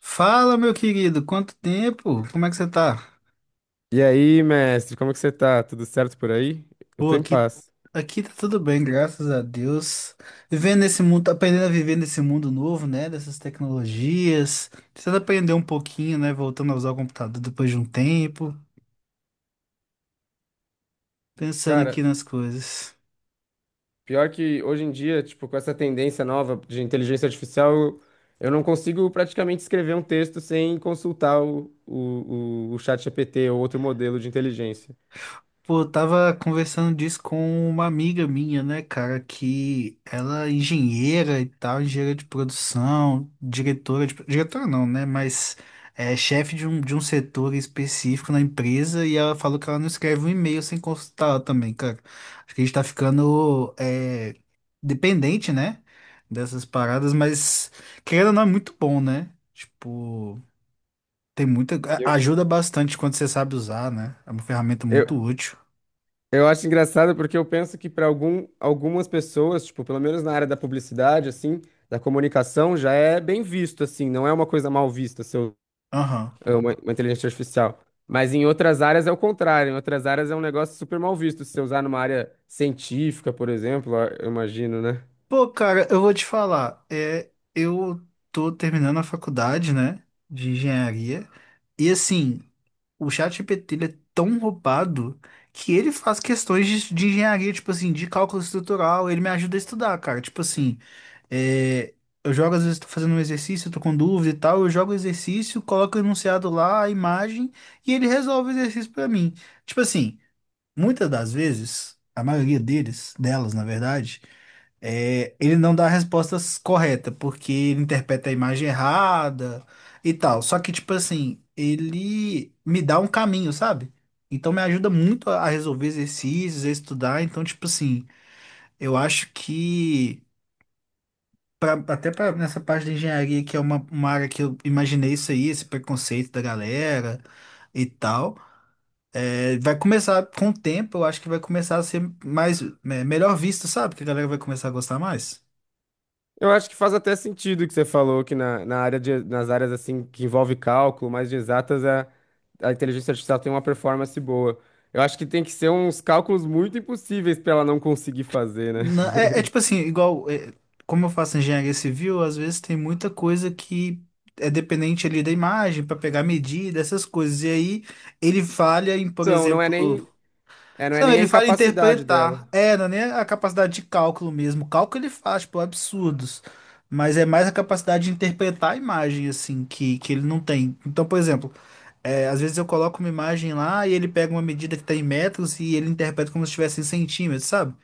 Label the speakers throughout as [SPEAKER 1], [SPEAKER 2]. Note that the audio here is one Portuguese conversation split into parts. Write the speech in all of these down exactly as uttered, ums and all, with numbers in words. [SPEAKER 1] Fala, meu querido, quanto tempo? Como é que você tá?
[SPEAKER 2] E aí, mestre, como que você tá? Tudo certo por aí? Eu
[SPEAKER 1] Pô,
[SPEAKER 2] tô em
[SPEAKER 1] aqui,
[SPEAKER 2] paz.
[SPEAKER 1] aqui tá tudo bem, graças a Deus. Vivendo nesse mundo, aprendendo a viver nesse mundo novo, né? Dessas tecnologias. Precisando aprender um pouquinho, né? Voltando a usar o computador depois de um tempo. Pensando
[SPEAKER 2] Cara,
[SPEAKER 1] aqui nas coisas.
[SPEAKER 2] pior que hoje em dia, tipo, com essa tendência nova de inteligência artificial, eu eu não consigo praticamente escrever um texto sem consultar o, o, o, o ChatGPT ou outro modelo de inteligência.
[SPEAKER 1] Pô, eu tava conversando disso com uma amiga minha, né, cara, que ela é engenheira e tal, engenheira de produção, diretora de... Diretora não, né, mas é chefe de um, de um setor específico na empresa e ela falou que ela não escreve um e-mail sem consultar ela também, cara. Acho que a gente tá ficando é, dependente, né, dessas paradas, mas querendo ou não é muito bom, né? Tipo, tem muita... a-
[SPEAKER 2] Eu,
[SPEAKER 1] Ajuda bastante quando você sabe usar, né? É uma ferramenta
[SPEAKER 2] eu,
[SPEAKER 1] muito útil.
[SPEAKER 2] eu acho engraçado porque eu penso que para algum, algumas pessoas, tipo, pelo menos na área da publicidade, assim, da comunicação, já é bem visto, assim, não é uma coisa mal vista,
[SPEAKER 1] Aham.
[SPEAKER 2] é uma, uma inteligência artificial. Mas em outras áreas é o contrário. Em outras áreas é um negócio super mal visto. Se você usar numa área científica, por exemplo, a- eu imagino, né?
[SPEAKER 1] Pô, cara, eu vou te falar. É, eu tô terminando a faculdade, né, de engenharia. E assim, o ChatGPT ele é tão roubado que ele faz questões de, de engenharia, tipo assim, de cálculo estrutural. Ele me ajuda a estudar, cara. Tipo assim, é, eu jogo, às vezes, tô fazendo um exercício, tô com dúvida e tal. Eu jogo o exercício, coloco o enunciado lá, a imagem, e ele resolve o exercício pra mim. Tipo assim, muitas das vezes, a maioria deles, delas, na verdade. É, ele não dá a resposta correta, porque ele interpreta a imagem errada e tal. Só que, tipo assim, ele me dá um caminho, sabe? Então me ajuda muito a a resolver exercícios, a estudar. Então, tipo assim, eu acho que, pra- até pra, nessa parte da engenharia, que é uma, uma área que eu imaginei isso aí, esse preconceito da galera e tal, é, vai começar, com o tempo, eu acho que vai começar a ser mais, é, melhor visto, sabe? Que a galera vai começar a gostar mais.
[SPEAKER 2] Eu acho que faz até sentido o que você falou, que na, na área de, nas áreas assim que envolve cálculo, mais de exatas, a, a inteligência artificial tem uma performance boa. Eu acho que tem que ser uns cálculos muito impossíveis para ela não conseguir fazer, né?
[SPEAKER 1] Na- é, é tipo assim, igual, é, como eu faço engenharia civil, às vezes tem muita coisa que é dependente ali da imagem para pegar medida, essas coisas. E aí ele falha em, por
[SPEAKER 2] Então, não é
[SPEAKER 1] exemplo,
[SPEAKER 2] nem, é, não é
[SPEAKER 1] não,
[SPEAKER 2] nem a
[SPEAKER 1] ele falha em
[SPEAKER 2] incapacidade
[SPEAKER 1] interpretar.
[SPEAKER 2] dela.
[SPEAKER 1] É, não é nem a capacidade de cálculo mesmo. Cálculo ele faz, tipo, absurdos. Mas é mais a capacidade de interpretar a imagem, assim, que, que ele não tem. Então, por exemplo, é, às vezes eu coloco uma imagem lá e ele pega uma medida que está em metros e ele interpreta como se estivesse em centímetros, sabe?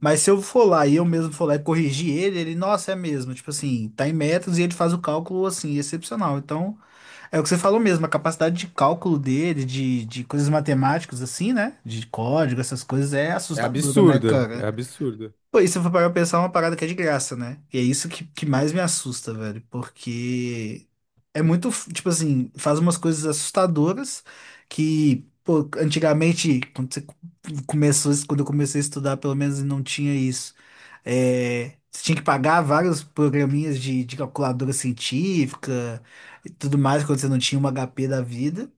[SPEAKER 1] Mas se eu for lá e eu mesmo for lá e corrigir ele, ele, nossa, é mesmo. Tipo assim, tá em metros e ele faz o cálculo assim, excepcional. Então, é o que você falou mesmo, a capacidade de cálculo dele, de, de coisas matemáticas assim, né? De código, essas coisas é
[SPEAKER 2] É
[SPEAKER 1] assustadora, né,
[SPEAKER 2] absurdo, é
[SPEAKER 1] cara?
[SPEAKER 2] absurdo.
[SPEAKER 1] Pô, isso eu vou parar pra pensar é uma parada que é de graça, né? E é isso que, que mais me assusta, velho. Porque é muito, f- tipo assim, faz umas coisas assustadoras que, pô, antigamente, quando você co- começou, quando eu comecei a estudar, pelo menos não tinha isso. É, você tinha que pagar vários programinhas de, de calculadora científica e tudo mais, quando você não tinha um agá pê da vida.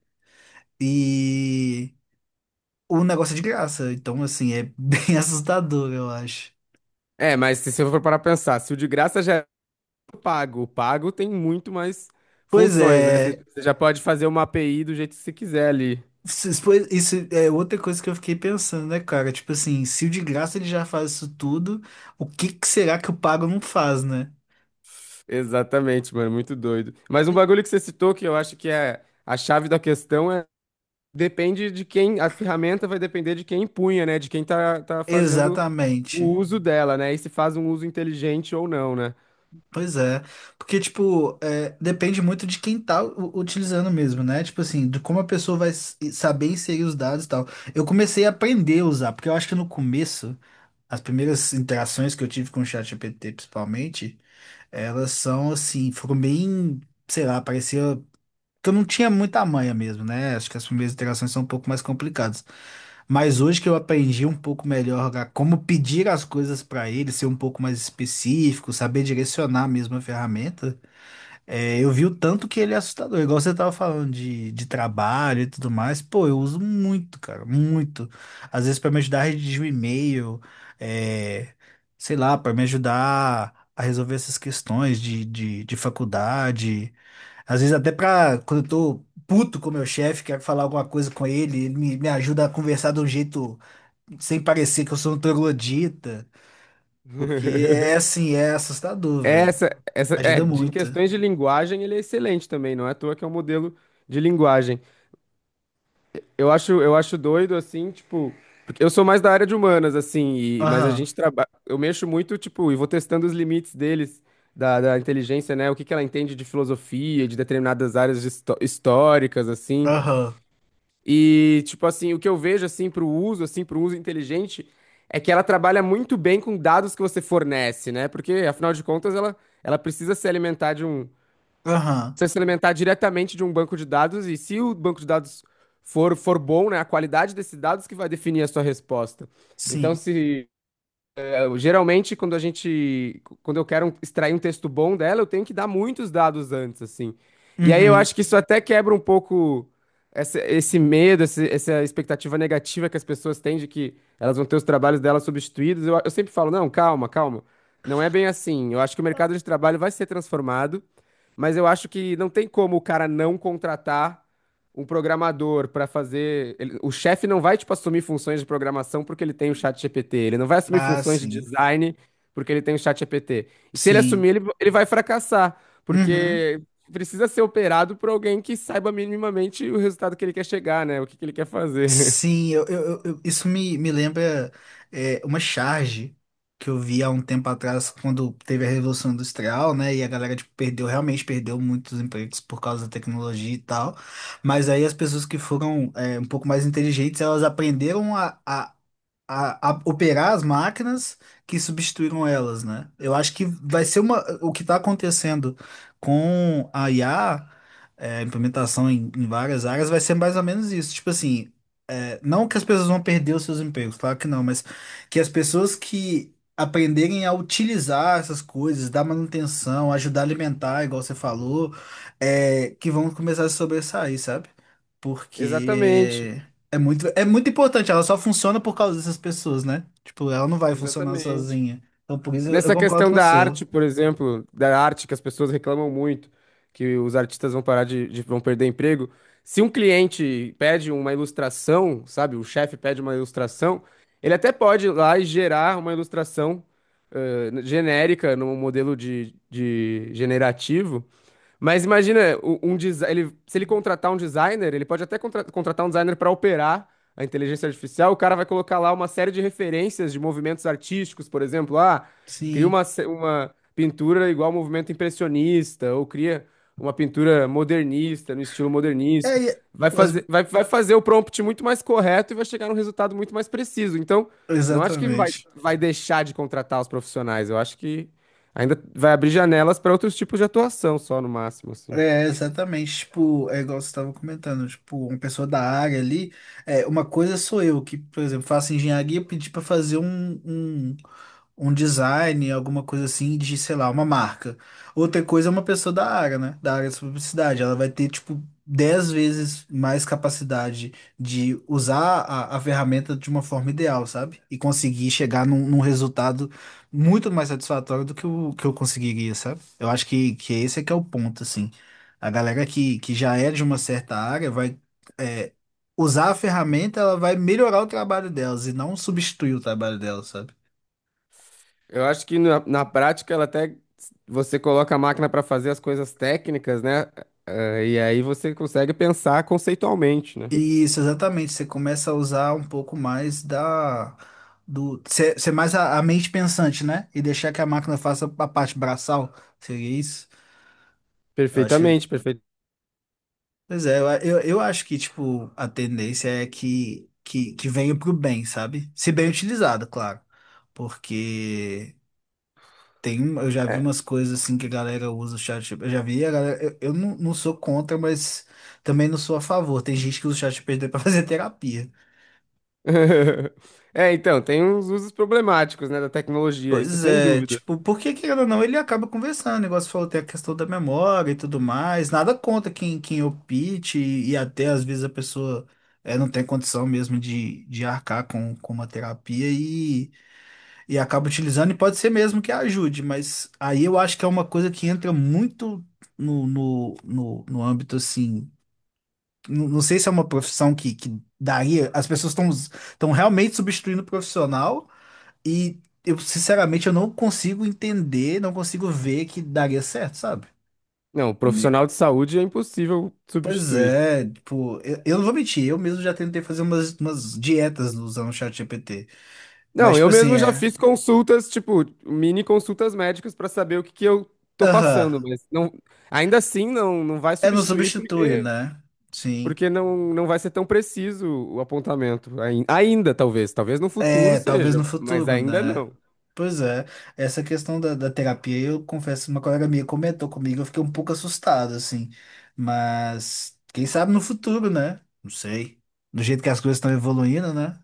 [SPEAKER 1] E o negócio é de graça. Então, assim, é bem assustador, eu acho.
[SPEAKER 2] É, mas se você for parar pra pensar, se o de graça já pago. O pago tem muito mais
[SPEAKER 1] Pois
[SPEAKER 2] funções, né? Você
[SPEAKER 1] é,
[SPEAKER 2] você já pode fazer uma A P I do jeito que você quiser ali.
[SPEAKER 1] Vocês- pois- Isso é outra coisa que eu fiquei pensando, né, cara? Tipo assim, se o de graça ele já faz isso tudo, o que que será que o pago não faz, né?
[SPEAKER 2] Exatamente, mano, muito doido. Mas um bagulho que você citou que eu acho que é a chave da questão é depende de quem, a ferramenta vai depender de quem empunha, né? De quem tá, tá fazendo o
[SPEAKER 1] Exatamente.
[SPEAKER 2] uso dela, né? E se faz um uso inteligente ou não, né?
[SPEAKER 1] Pois é. Porque, tipo, é, depende muito de quem tá u- utilizando mesmo, né? Tipo assim, de como a pessoa vai s- saber inserir os dados e tal. Eu comecei a aprender a usar, porque eu acho que no começo, as primeiras interações que eu tive com o ChatGPT, principalmente, elas são assim, foram bem, sei lá, parecia. Que eu não tinha muita manha mesmo, né? Acho que as primeiras interações são um pouco mais complicadas. Mas hoje que eu aprendi um pouco melhor a como pedir as coisas para ele, ser um pouco mais específico, saber direcionar mesmo a ferramenta, é, eu vi o tanto que ele é assustador. Igual você tava falando de, de trabalho e tudo mais, pô, eu uso muito, cara, muito. Às vezes para me ajudar a redigir um e-mail, é, sei lá, para me ajudar a resolver essas questões de, de, de faculdade. Às vezes até pra, quando eu tô puto com o meu chefe, quero falar alguma coisa com ele, ele me, me ajuda a conversar de um jeito sem parecer que eu sou um troglodita, porque é assim, é assustador, velho.
[SPEAKER 2] Essa, essa, é,
[SPEAKER 1] Ajuda
[SPEAKER 2] de, em
[SPEAKER 1] muito.
[SPEAKER 2] questões de linguagem, ele é excelente também, não é à toa que é um modelo de linguagem. Eu acho, eu acho doido, assim, tipo. Porque eu sou mais da área de humanas, assim, e- mas a
[SPEAKER 1] Aham,
[SPEAKER 2] gente trabalha. Eu mexo muito, tipo, e vou testando os limites deles, da, da inteligência, né? O que que ela entende de filosofia, de determinadas áreas de histó- históricas, assim.
[SPEAKER 1] aham,
[SPEAKER 2] E, tipo, assim, o que eu vejo, assim, pro uso, assim, pro uso inteligente, é que ela trabalha muito bem com dados que você fornece, né? Porque, afinal de contas, ela, ela precisa se alimentar
[SPEAKER 1] aham,
[SPEAKER 2] você se alimentar diretamente de um banco de dados e se o banco de dados for, for bom, né, a qualidade desses dados que vai definir a sua resposta. Então,
[SPEAKER 1] sim.
[SPEAKER 2] se eu- geralmente, quando a gente, quando eu quero um, extrair um texto bom dela, eu tenho que dar muitos dados antes, assim. E aí eu
[SPEAKER 1] Uhum.
[SPEAKER 2] acho que isso até quebra um pouco essa- esse medo, esse- essa expectativa negativa que as pessoas têm de que elas vão ter os trabalhos delas substituídos. Eu, eu sempre falo, não, calma, calma. Não é bem assim. Eu acho que o mercado de trabalho vai ser transformado, mas eu acho que não tem como o cara não contratar um programador para fazer. Ele- o chefe não vai, tipo, assumir funções de programação porque ele tem o chat G P T. Ele não vai assumir
[SPEAKER 1] Ah,
[SPEAKER 2] funções de
[SPEAKER 1] sim,
[SPEAKER 2] design porque ele tem o chat G P T. E se ele
[SPEAKER 1] sim.
[SPEAKER 2] assumir, ele, ele vai fracassar,
[SPEAKER 1] Uhum.
[SPEAKER 2] porque precisa ser operado por alguém que saiba minimamente o resultado que ele quer chegar, né? O que que ele quer fazer.
[SPEAKER 1] Sim, eu, eu- eu- eu- isso me, me lembra é, uma charge que eu vi há um tempo atrás, quando teve a Revolução Industrial, né? E a galera tipo, perdeu, realmente perdeu muitos empregos por causa da tecnologia e tal. Mas aí as pessoas que foram é, um pouco mais inteligentes, elas aprenderam a, a, a, a operar as máquinas que substituíram elas, né? Eu acho que vai ser uma, o que está acontecendo com a I A, é, implementação em, em várias áreas, vai ser mais ou menos isso. Tipo assim, é, não que as pessoas vão perder os seus empregos, claro que não, mas que as pessoas que aprenderem a utilizar essas coisas, dar manutenção, ajudar a alimentar, igual você falou, é, que vão começar a se sobressair, sabe?
[SPEAKER 2] Exatamente.
[SPEAKER 1] Porque é muito, é muito importante, ela só funciona por causa dessas pessoas, né? Tipo, ela não vai funcionar
[SPEAKER 2] Exatamente.
[SPEAKER 1] sozinha. Então, por isso eu, eu
[SPEAKER 2] Nessa
[SPEAKER 1] concordo
[SPEAKER 2] questão
[SPEAKER 1] com
[SPEAKER 2] da
[SPEAKER 1] você.
[SPEAKER 2] arte, por exemplo, da arte que as pessoas reclamam muito, que os artistas vão parar de, de- vão perder emprego. Se um cliente pede uma ilustração, sabe, o chefe pede uma ilustração, ele até pode ir lá e gerar uma ilustração eh, genérica, num modelo de, de generativo, mas imagina, o- um desi- ele- se ele contratar um designer, ele pode até contra- contratar um designer para operar a inteligência artificial. O cara vai colocar lá uma série de referências de movimentos artísticos, por exemplo. Ah, cria
[SPEAKER 1] Sim.
[SPEAKER 2] uma, ce- uma pintura igual ao movimento impressionista, ou cria uma pintura modernista, no estilo
[SPEAKER 1] É,
[SPEAKER 2] modernista.
[SPEAKER 1] e-
[SPEAKER 2] Vai
[SPEAKER 1] as-
[SPEAKER 2] fazer, vai, vai fazer o prompt muito mais correto e vai chegar num resultado muito mais preciso. Então, não acho que vai,
[SPEAKER 1] exatamente.
[SPEAKER 2] vai deixar de contratar os profissionais. Eu acho que ainda vai abrir janelas para outros tipos de atuação só, no máximo, assim.
[SPEAKER 1] É, exatamente. Tipo, é igual você estava comentando, tipo, uma pessoa da área ali, é, uma coisa sou eu que, por exemplo, faço engenharia e pedi para fazer um, um um design, alguma coisa assim, de, sei lá, uma marca. Outra coisa é uma pessoa da área, né? Da área de publicidade. Ela vai ter, tipo, dez vezes mais capacidade de usar a, a ferramenta de uma forma ideal, sabe? E conseguir chegar num, num resultado muito mais satisfatório do que o que eu conseguiria, sabe? Eu acho que, que esse é que é o ponto, assim. A galera que, que já é de uma certa área vai. É, Usar a ferramenta, ela vai melhorar o trabalho delas e não substituir o trabalho delas, sabe?
[SPEAKER 2] Eu acho que na, na prática ela até você coloca a máquina para fazer as coisas técnicas, né? Eh, e aí você consegue pensar conceitualmente, né?
[SPEAKER 1] Isso, exatamente. Você começa a usar um pouco mais da do ser, ser mais a, a mente pensante, né? E deixar que a máquina faça a parte braçal. Seria isso? Eu acho que,
[SPEAKER 2] Perfeitamente, perfeito.
[SPEAKER 1] pois é, eu, eu, eu acho que tipo a tendência é que que, que venha pro bem, sabe? Se bem utilizado, claro. Porque tem, um- eu já vi
[SPEAKER 2] É.
[SPEAKER 1] umas coisas assim que a galera usa o chat. Eu já vi a galera, eu, eu não, não sou contra, mas também não sou a favor. Tem gente que usa o chat G P T para fazer terapia.
[SPEAKER 2] É, então, tem uns usos problemáticos, né, da tecnologia, isso
[SPEAKER 1] Pois
[SPEAKER 2] sem
[SPEAKER 1] é,
[SPEAKER 2] dúvida.
[SPEAKER 1] tipo, porque querendo ou não, ele acaba conversando. O negócio falou, tem a questão da memória e tudo mais. Nada contra quem, quem opte, e, e até às vezes a pessoa é, não tem condição mesmo de, de arcar com, com uma terapia e, e acaba utilizando, e pode ser mesmo que ajude, mas aí eu acho que é uma coisa que entra muito no, no, no, no âmbito assim. Não, não sei se é uma profissão que, que daria. As pessoas estão estão realmente substituindo o profissional. E eu, sinceramente, eu não consigo entender, não consigo ver que daria certo, sabe?
[SPEAKER 2] Não,
[SPEAKER 1] Ne-
[SPEAKER 2] profissional de saúde é impossível
[SPEAKER 1] Pois
[SPEAKER 2] substituir.
[SPEAKER 1] é, tipo, eu, eu não vou mentir, eu mesmo já tentei fazer umas, umas dietas usando o ChatGPT. Mas,
[SPEAKER 2] Não,
[SPEAKER 1] tipo
[SPEAKER 2] eu
[SPEAKER 1] assim,
[SPEAKER 2] mesmo já
[SPEAKER 1] é.
[SPEAKER 2] fiz consultas, tipo, mini consultas médicas pra saber o que que eu tô
[SPEAKER 1] Aham,
[SPEAKER 2] passando, mas não, ainda assim não, não vai
[SPEAKER 1] é, não
[SPEAKER 2] substituir
[SPEAKER 1] substitui,
[SPEAKER 2] porque,
[SPEAKER 1] né? Sim.
[SPEAKER 2] porque não, não vai ser tão preciso o apontamento. Ai- Ainda, talvez, talvez no futuro
[SPEAKER 1] É, talvez
[SPEAKER 2] seja,
[SPEAKER 1] no
[SPEAKER 2] mas
[SPEAKER 1] futuro,
[SPEAKER 2] ainda
[SPEAKER 1] né?
[SPEAKER 2] não.
[SPEAKER 1] Pois é, essa questão da, da terapia, eu confesso, uma colega minha comentou comigo, eu fiquei um pouco assustado, assim. Mas, quem sabe no futuro, né? Não sei. Do jeito que as coisas estão evoluindo, né?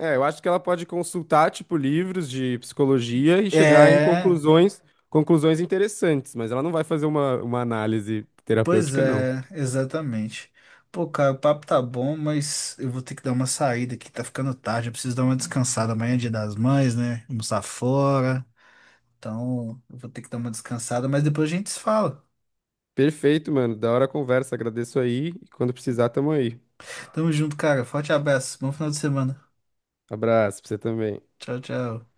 [SPEAKER 2] É, eu acho que ela pode consultar, tipo, livros de psicologia e chegar em
[SPEAKER 1] É,
[SPEAKER 2] conclusões, conclusões interessantes, mas ela não vai fazer uma, uma análise
[SPEAKER 1] pois
[SPEAKER 2] terapêutica, não.
[SPEAKER 1] é, exatamente. Pô, cara, o papo tá bom, mas eu vou ter que dar uma saída aqui, tá ficando tarde, eu preciso dar uma descansada. Amanhã é Dia das Mães, né? Almoçar fora. Então, eu vou ter que dar uma descansada, mas depois a gente se fala.
[SPEAKER 2] Perfeito, mano. Da hora a conversa. Agradeço aí. E quando precisar, tamo aí.
[SPEAKER 1] Tamo junto, cara. Forte abraço. Bom final de semana.
[SPEAKER 2] Abraço pra você também.
[SPEAKER 1] Tchau, tchau.